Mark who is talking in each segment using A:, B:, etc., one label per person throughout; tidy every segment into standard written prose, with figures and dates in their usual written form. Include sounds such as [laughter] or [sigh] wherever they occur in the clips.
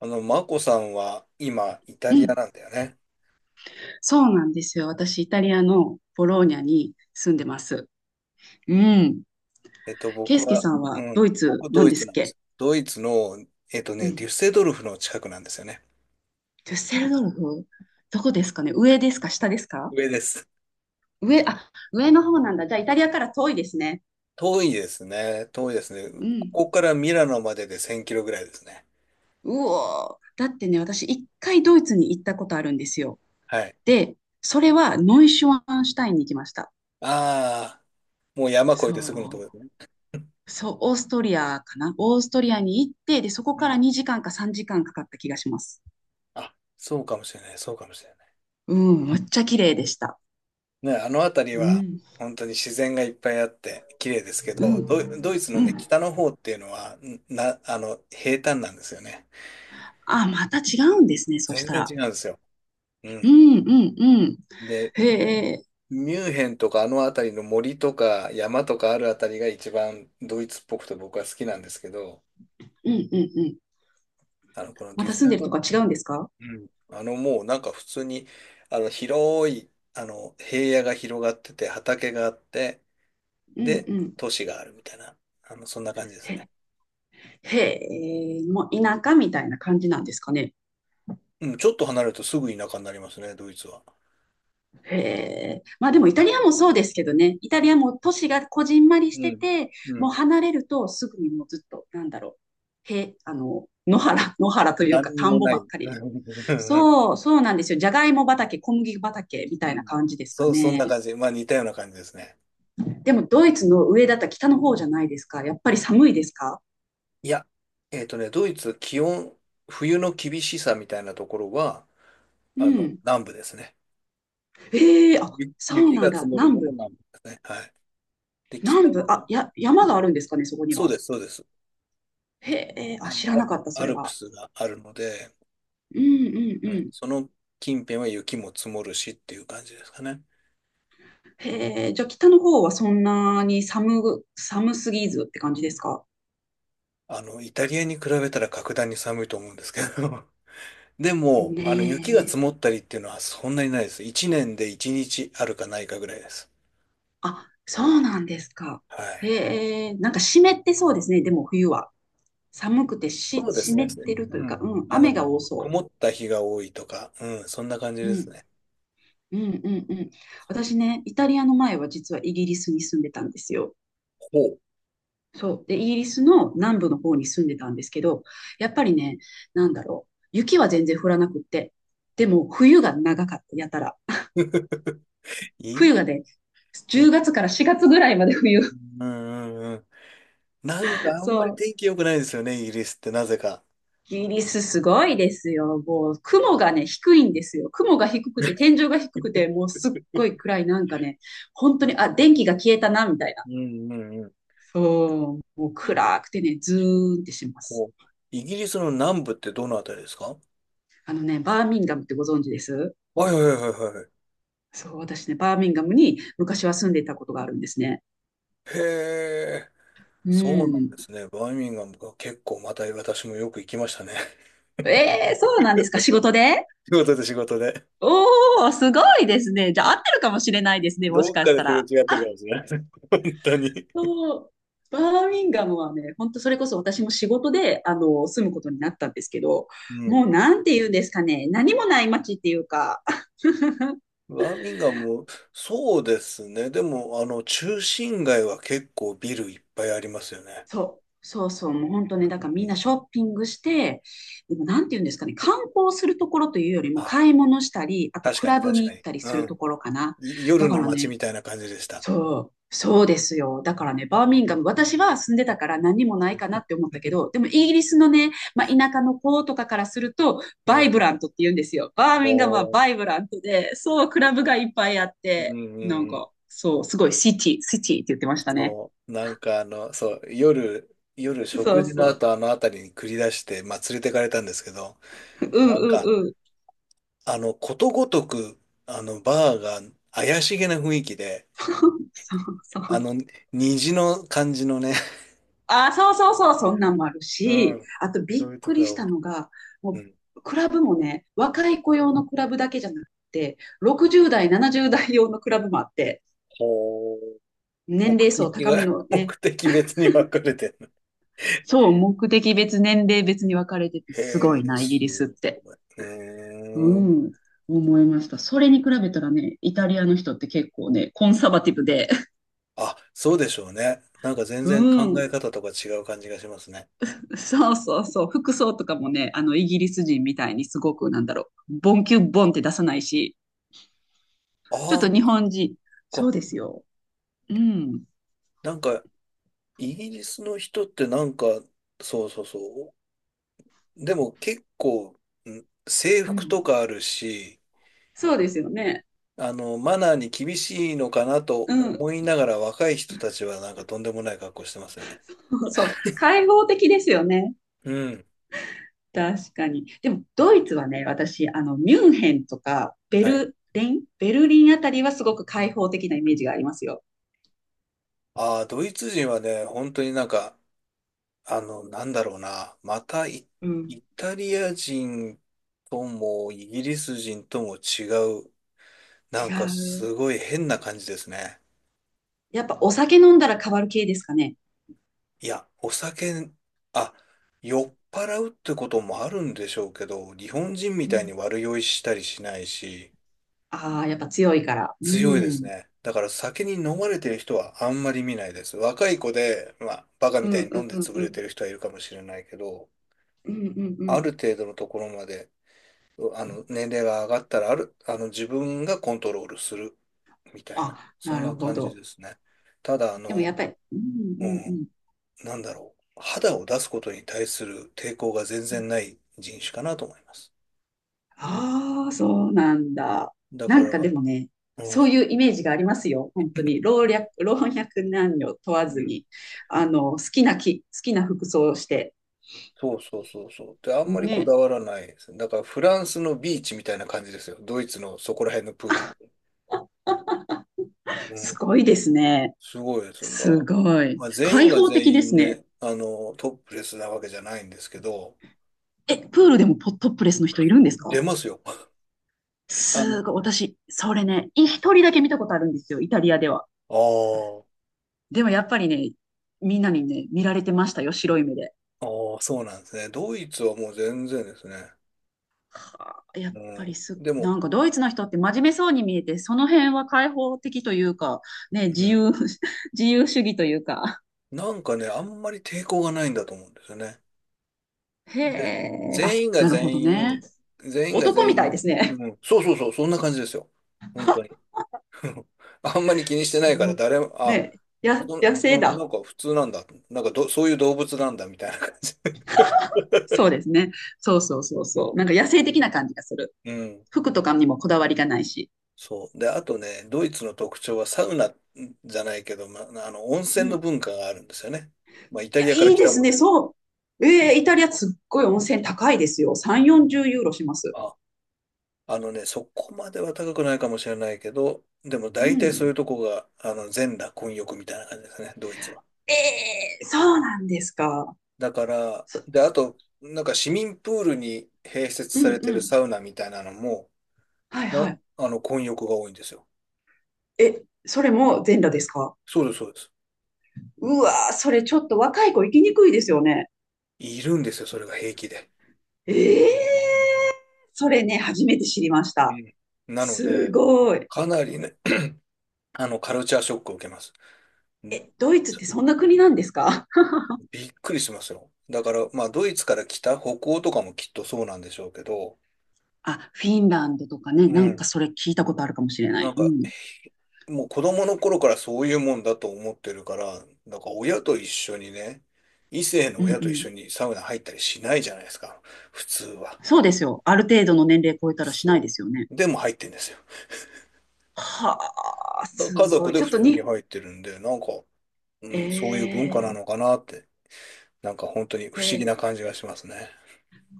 A: マコさんは今、イタ
B: う
A: リア
B: ん、
A: なんだよね。
B: そうなんですよ。私、イタリアのボローニャに住んでます。うん。ケ
A: 僕
B: イスケ
A: は、
B: さん
A: う
B: はド
A: ん、
B: イツ
A: 僕、
B: な
A: ド
B: ん
A: イ
B: で
A: ツ
B: すっ
A: なんです。
B: け？
A: ドイツの、
B: う
A: デュッ
B: ん。
A: セドルフの近くなんですよね。
B: デュッセルドルフ、どこですかね？上ですか？下ですか？
A: 上です。
B: 上、あ、上の方なんだ。じゃあ、イタリアから遠いですね。
A: 遠いですね。遠いですね。
B: う
A: こ
B: ん。
A: こからミラノまでで1000キロぐらいですね。
B: うおー。だってね、私、一回ドイツに行ったことあるんですよ。
A: はい。
B: で、それはノイシュワンシュタインに行きました。
A: ああ、もう山越えてすぐのとこ
B: そ
A: ろですね。
B: う。そう、オーストリアかな、オーストリアに行って、で、そこ
A: う
B: から
A: ん。
B: 2時間か3時間かんかかった気がします。
A: あ、そうかもしれない。そうかもしれない。
B: うん、めっちゃ綺麗でした。
A: ね、あの辺り
B: う
A: は、
B: ん。
A: 本当に自然がいっぱいあって綺麗ですけ
B: う
A: ど、ドイ、ド
B: ん、
A: イツの
B: う
A: ね、
B: ん。
A: 北の方っていうのは、んな、あの、平坦なんですよね。
B: あ、また違うんですね、そし
A: 全
B: た
A: 然
B: ら。
A: 違うんですよ。う
B: う
A: ん。
B: ん、うん、うん。
A: で、
B: へえ、
A: ミュンヘンとかあの辺りの森とか山とかある辺りが一番ドイツっぽくて僕は好きなんですけど、
B: うん、うん、うん。
A: この
B: ま
A: デュッ
B: た
A: セ
B: 住ん
A: ル
B: でる
A: ド
B: と
A: ル
B: か
A: フ、
B: 違うんですか？
A: うん。もうなんか普通に、広い、平野が広がってて、畑があって、
B: うん、
A: で、
B: うん。
A: 都市があるみたいな、そんな感じです
B: へ、
A: ね。
B: へえ、もう田舎みたいな感じなんですかね。
A: うん、ちょっと離れるとすぐ田舎になりますね、ドイツは。
B: へえ。まあでもイタリアもそうですけどね。イタリアも都市がこじんまり
A: う
B: して
A: ん。
B: て、
A: う
B: もう
A: ん。
B: 離れるとすぐにもうずっと、なんだろう。へ、あの、野原という
A: 何
B: か
A: に
B: 田
A: も
B: んぼ
A: ない。
B: ば
A: [laughs]
B: っか
A: う
B: り。
A: んうん、
B: そう、そうなんですよ。じゃがいも畑、小麦畑み
A: う
B: たいな感じですか
A: そんな
B: ね。
A: 感じ。まあ似たような感じですね。
B: でもドイツの上だったら北の方じゃないですか。やっぱり寒いですか？
A: いや、ドイツ、気温、冬の厳しさみたいなところは、
B: うん。
A: 南部ですね。
B: ええー、あ、
A: ゆ
B: そう
A: 雪
B: なん
A: が積
B: だ。
A: もる
B: 南
A: のも
B: 部。
A: 南部ですね。はい。で、北
B: 南部。あ、
A: は、
B: 山があるんですかね、そこに
A: そう
B: は。
A: です、そうです。
B: へえ、あ、
A: あの、
B: 知ら
A: ア
B: なかった、そ
A: ア
B: れ
A: ルプ
B: は。
A: スがあるので、
B: うんうん
A: う
B: う
A: ん、
B: ん。
A: その近辺は雪も積もるしっていう感じですかね。
B: へえ、じゃあ北の方はそんなに寒すぎずって感じですか
A: イタリアに比べたら格段に寒いと思うんですけど。[laughs] でも、
B: ね
A: 雪が
B: え。
A: 積もったりっていうのはそんなにないです。1年で1日あるかないかぐらいです。
B: あ、そうなんですか。
A: はい。
B: へえ、なんか湿ってそうですね、でも冬は。寒くてし、
A: そうで
B: 湿
A: すね。
B: ってるとい
A: う
B: うか、
A: ん。
B: うん、
A: あ
B: 雨
A: の、
B: が多
A: く
B: そ
A: 曇った日が多いとか、うん、そんな感じ
B: う。う
A: です
B: ん、
A: ね。
B: うん、うん、うん。
A: そう、
B: 私ね、イタリアの前は実はイギリスに住んでたんですよ。
A: ほう。
B: そう。で、イギリスの南部の方に住んでたんですけど、やっぱりね、なんだろう。雪は全然降らなくって。でも、冬が長かった、やたら。
A: [laughs] い
B: 冬
A: い、
B: がね、
A: い
B: 10
A: い。
B: 月から4月ぐらいまで冬。
A: うんうんうん。なんか
B: [laughs]
A: あん
B: そ
A: まり天
B: う。
A: 気良くないですよね、イギリスってなぜか。
B: イギリスすごいですよ。もう雲が
A: [laughs]
B: ね、低いんですよ。雲が低くて、天井が低くて、もうすっごい暗い、なんかね、本当に、あ、電気が消えたな、みたいな。
A: うんうんうん。
B: そう、もう
A: い
B: 暗くてね、ズーンってしま
A: ほ
B: す。
A: う。イギリスの南部ってどのあたりですか？
B: あのね、バーミンガムってご存知です？
A: はいはいはいはい。
B: そう、私ね、バーミンガムに昔は住んでいたことがあるんですね。
A: へえ、
B: う
A: そうなん
B: ん。
A: ですね。バーミンガムが結構また私もよく行きましたね。
B: えー、そうなんですか、仕事で？
A: [laughs] 仕事で、仕事で。
B: おー、すごいですね。じゃあ合ってるかもしれないですね、もし
A: どっ
B: か
A: か
B: し
A: で
B: た
A: すれ
B: ら。
A: 違ってるかもしれない。[laughs] 本当に。
B: そう、バーミンガムはね、本当それこそ私も仕事で、あの、住むことになったんですけど、
A: うん。
B: もうなんて言うんですかね、何もない街っていうか、
A: バーミンガム、そうですね。でも、中心街は結構ビルいっぱいありますよね。
B: そう、そうそう、もう本当ね、だから
A: う
B: みん
A: ん。
B: なショッピングして、でもなんて言うんですかね、観光するところというよりも
A: あ、
B: 買い物したり、あと
A: 確
B: ク
A: かに
B: ラブ
A: 確
B: に
A: か
B: 行っ
A: に。
B: たりす
A: う
B: る
A: ん。
B: ところかな。
A: い
B: だ
A: 夜
B: か
A: の
B: ら
A: 街
B: ね、
A: みたいな感じでした。
B: そう、そうですよ。だからね、バーミンガム、私は住んでたから何もないかなって思ったけど、
A: [laughs]
B: でもイギリスのね、まあ、田舎の子とかからすると、
A: う
B: バイ
A: ん。
B: ブラントって言うんですよ。バー
A: お
B: ミンガムは
A: ー、
B: バイブラントで、そう、クラブがいっぱいあっ
A: うんう
B: て、
A: ん
B: なん
A: うん。
B: か、そう、すごいシティって言ってましたね。
A: そう。なんかそう、夜
B: そ
A: 食
B: う
A: 事の
B: そう。
A: 後あの辺りに繰り出して、まあ連れてかれたんですけど、
B: うん
A: なんか、
B: うんうん。
A: ことごとく、バーが怪しげな雰囲気で、
B: [laughs] そうそ
A: あ
B: う。
A: の、虹の感じのね、
B: あ、そうそうそう、そんなんもある
A: う
B: し、
A: ん。
B: あと
A: そ
B: びっ
A: ういうと
B: く
A: こ
B: り
A: が
B: し
A: 多
B: た
A: くて、
B: のが、
A: う
B: も
A: ん。
B: う、クラブもね、若い子用のクラブだけじゃなくて、60代、70代用のクラブもあって、
A: ほう。
B: 年
A: 目
B: 齢層
A: 的
B: 高め
A: が、
B: の
A: [laughs]
B: ね、
A: 目的別に分かれてる。
B: そう、目的別、年齢別に分かれてて、
A: へ
B: すご
A: え、
B: いな、イギ
A: す
B: リスって。
A: ごい。
B: う
A: うーん。
B: ん、思いました。それに比べたらね、イタリアの人って結構ね、コンサバティブで、[laughs]
A: あ、そうでしょうね。なんか全
B: う
A: 然考
B: ん、
A: え方とか違う感じがしますね。
B: そうそうそう、服装とかもね、あの、イギリス人みたいにすごく、なんだろう、ボンキュッボンって出さないし、
A: あ
B: ちょっと
A: あ、
B: 日本人。そう
A: こ
B: です
A: う、
B: よ。うん。
A: なんか、イギリスの人ってなんか、そうそうそう。でも結構、ん制
B: う
A: 服
B: ん。
A: とかあるし、
B: そうですよね。
A: マナーに厳しいのかなと
B: うん。
A: 思いながら若い人たちはなんかとんでもない格好してますよね。
B: [laughs] そう。開放的ですよね。
A: うん。
B: 確かに。でも、ドイツはね、私、あの、ミュンヘンとか、
A: はい。
B: ベルリンあたりはすごく開放的なイメージがありますよ。
A: ああ、ドイツ人はね、本当になんか、なんだろうな。またイ、
B: うん。
A: イタリア人ともイギリス人とも違う。なん
B: 違
A: か
B: う。
A: すごい変な感じですね。
B: やっぱお酒飲んだら変わる系ですかね？
A: いや、あ、酔っ払うってこともあるんでしょうけど、日本人み
B: う
A: たい
B: ん。
A: に悪酔いしたりしないし、
B: ああ、やっぱ強いから。う
A: 強いです
B: ん。
A: ね。だから酒に飲まれてる人はあんまり見ないです。若い子で、まあ、バカ
B: う
A: みたい
B: ん
A: に
B: う
A: 飲
B: ん
A: んで
B: うん
A: 潰
B: う
A: れ
B: ん。
A: てる人はいるかもしれないけど、
B: うんうんう
A: あ
B: ん。
A: る程度のところまで、年齢が上がったら、ある、あの、自分がコントロールする、みたいな、
B: あ、
A: そ
B: な
A: んな
B: るほ
A: 感じ
B: ど。
A: ですね。ただ、
B: でもやっぱり、うんう
A: う
B: んう
A: ん、
B: ん。
A: なんだろう、肌を出すことに対する抵抗が全然ない人種かなと思います。
B: ああ、そうなんだ。
A: だか
B: なん
A: ら、
B: かでもね、
A: うん、
B: そういうイメージがありますよ。本当に。老若男女問わず
A: うん [laughs]
B: に、あの、好きな服装をして。
A: そうそうそうそう。で、あんまりこだ
B: ね。
A: わらないです。だから、フランスのビーチみたいな感じですよ。ドイツのそこら辺のプール。う
B: す
A: ん、
B: ごいですね。
A: すごいですんだ。
B: すごい。
A: まあ、全
B: 開
A: 員が
B: 放的
A: 全
B: で
A: 員
B: すね。
A: ね、トップレスなわけじゃないんですけど、
B: え、プールでもポトップレスの人いるんですか？
A: 出ますよ。[laughs] あの、
B: すごい。私、それね、一人だけ見たことあるんですよ。イタリアでは。
A: あ
B: でもやっぱりね、みんなにね、見られてましたよ。白い目で。
A: ああ、あ、そうなんですね。ドイツはもう全然ですね。
B: はあ、やっ
A: も
B: ぱり
A: ん、
B: す、
A: でも、
B: なんかドイツの人って真面目そうに見えて、その辺は開放的というか、ね、
A: うん、
B: [laughs] 自由主義というか。
A: なんかね、あんまり抵抗がないんだと思うんですよね。
B: へ
A: で、
B: え、あ、
A: 全員が
B: なるほど
A: 全
B: ね。
A: 員、全員が
B: 男み
A: 全
B: たいで
A: 員、
B: すね。
A: うん、そうそうそう、そんな感じですよ。本当に。[laughs] あんまり気にしてな
B: そ
A: いから、
B: の
A: 誰も、あ、
B: ね、
A: そ、
B: 野生
A: うん、な
B: だ。
A: んか普通なんだ。なんかど、そういう動物なんだみたいな感じ
B: そうですね。そうそうそうそう。
A: の、
B: なんか野生的な感じがする。
A: うん、
B: 服とかにもこだわりがないし。
A: そう。で、あとね、ドイツの特徴はサウナじゃないけど、ま、温
B: う
A: 泉
B: ん。
A: の
B: い
A: 文化があるんですよね。まあ、イタリ
B: や、
A: アから
B: いい
A: 来
B: で
A: た
B: す
A: もん
B: ね。
A: ね。
B: そう。えー、イタリアすっごい温泉高いですよ。3、40ユーロします。
A: あ、そこまでは高くないかもしれないけど、でも
B: う
A: 大体そうい
B: ん。
A: うとこが、全裸混浴みたいな感じですね、ドイツは。
B: ええ、そうなんですか？
A: だから、
B: そ、
A: で、あと、なんか市民プールに併設
B: う
A: さ
B: ん
A: れて
B: う
A: る
B: ん。
A: サウナみたいなのも、
B: はいは
A: な、
B: い。
A: あの、混浴が多いんですよ。
B: え、それも全裸ですか？
A: そうです、そうです。
B: うわー、それちょっと若い子行きにくいですよね。
A: いるんですよ、それが平気で。
B: ええー、それね、初めて知りまし
A: う
B: た。
A: ん、なの
B: す
A: で、
B: ごい。
A: かなりね、カルチャーショックを受けます。うん、
B: え、ドイツってそんな国なんですか？
A: びっくりしますよ。だから、まあ、ドイツから来た北欧とかもきっとそうなんでしょうけど、
B: [laughs] あ、フィンランドとかね、
A: う
B: なん
A: ん。
B: かそれ聞いたことあるかもしれな
A: な
B: い。
A: ん
B: う
A: か、
B: ん。
A: もう子供の頃からそういうもんだと思ってるから、なんか親と一緒にね、異性の
B: うん
A: 親
B: う
A: と一
B: ん。
A: 緒にサウナ入ったりしないじゃないですか、普通は。
B: そうですよ。ある程度の年齢超えたらしない
A: そ
B: ですよね。
A: う。でも入ってんですよ。
B: はあ、
A: だ
B: す
A: 家
B: ご
A: 族
B: い。
A: で
B: ちょっ
A: 普
B: と
A: 通に
B: に、
A: 入ってるんで、なんか、う
B: え
A: ん、そういう文化な
B: ー、
A: のかなって、なんか本当に
B: え
A: 不思議な
B: ー
A: 感じがしますね。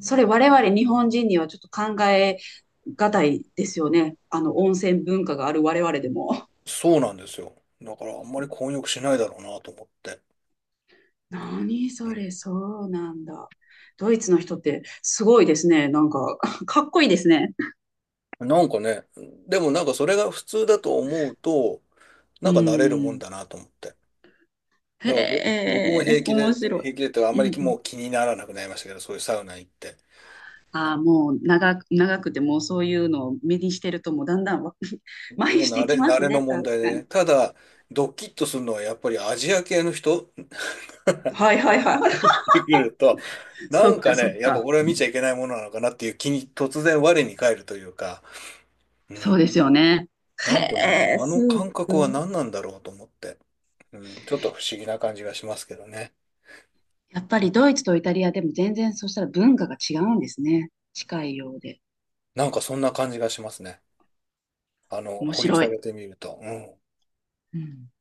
B: それ我々日本人にはちょっと考えがたいですよね。あの温泉文化がある我々でも。
A: そうなんですよ。だからあんまり混浴しないだろうなと思って。
B: [laughs] 何
A: う
B: そ
A: ん、
B: れ、そうなんだ。ドイツの人ってすごいですね。なんか、[laughs] かっこいいですね。
A: なんかね、でもなんかそれが普通だと思うと、
B: う
A: なんか慣れるもん
B: ん。
A: だなと思って。
B: へ
A: だから僕も
B: え、
A: 平気
B: 面
A: で、
B: 白
A: 平気でってかあん
B: い。う
A: まり
B: んうん。
A: もう気にならなくなりましたけど、そういうサウナ行って。
B: ああ、もう長くてもうそういうのを目にしてるともうだんだんわ [laughs] 麻痺
A: もう
B: してきま
A: 慣
B: す
A: れの
B: ね。
A: 問
B: 確
A: 題
B: か
A: で
B: に。
A: ね。ただ、ドキッとするのはやっぱりアジア系の人
B: はいはいはい。
A: [laughs] に来ると、
B: [laughs]
A: な
B: そ
A: ん
B: っ
A: か
B: かそっ
A: ね、やっぱ
B: か。
A: 俺は見ちゃいけないものなのかなっていう気に突然我に返るというか、う
B: そう
A: ん。
B: ですよね。
A: なんかね、
B: へえ、
A: あ
B: す
A: の
B: っ
A: 感
B: ご
A: 覚は
B: い。
A: 何なんだろうと思って。うん、ちょっと不思議な感じがしますけどね。
B: やっぱりドイツとイタリアでも全然そうしたら文化が違うんですね。近いようで。
A: なんかそんな感じがしますね。
B: 面
A: 掘り
B: 白
A: 下
B: い。
A: げてみると。うん。
B: うん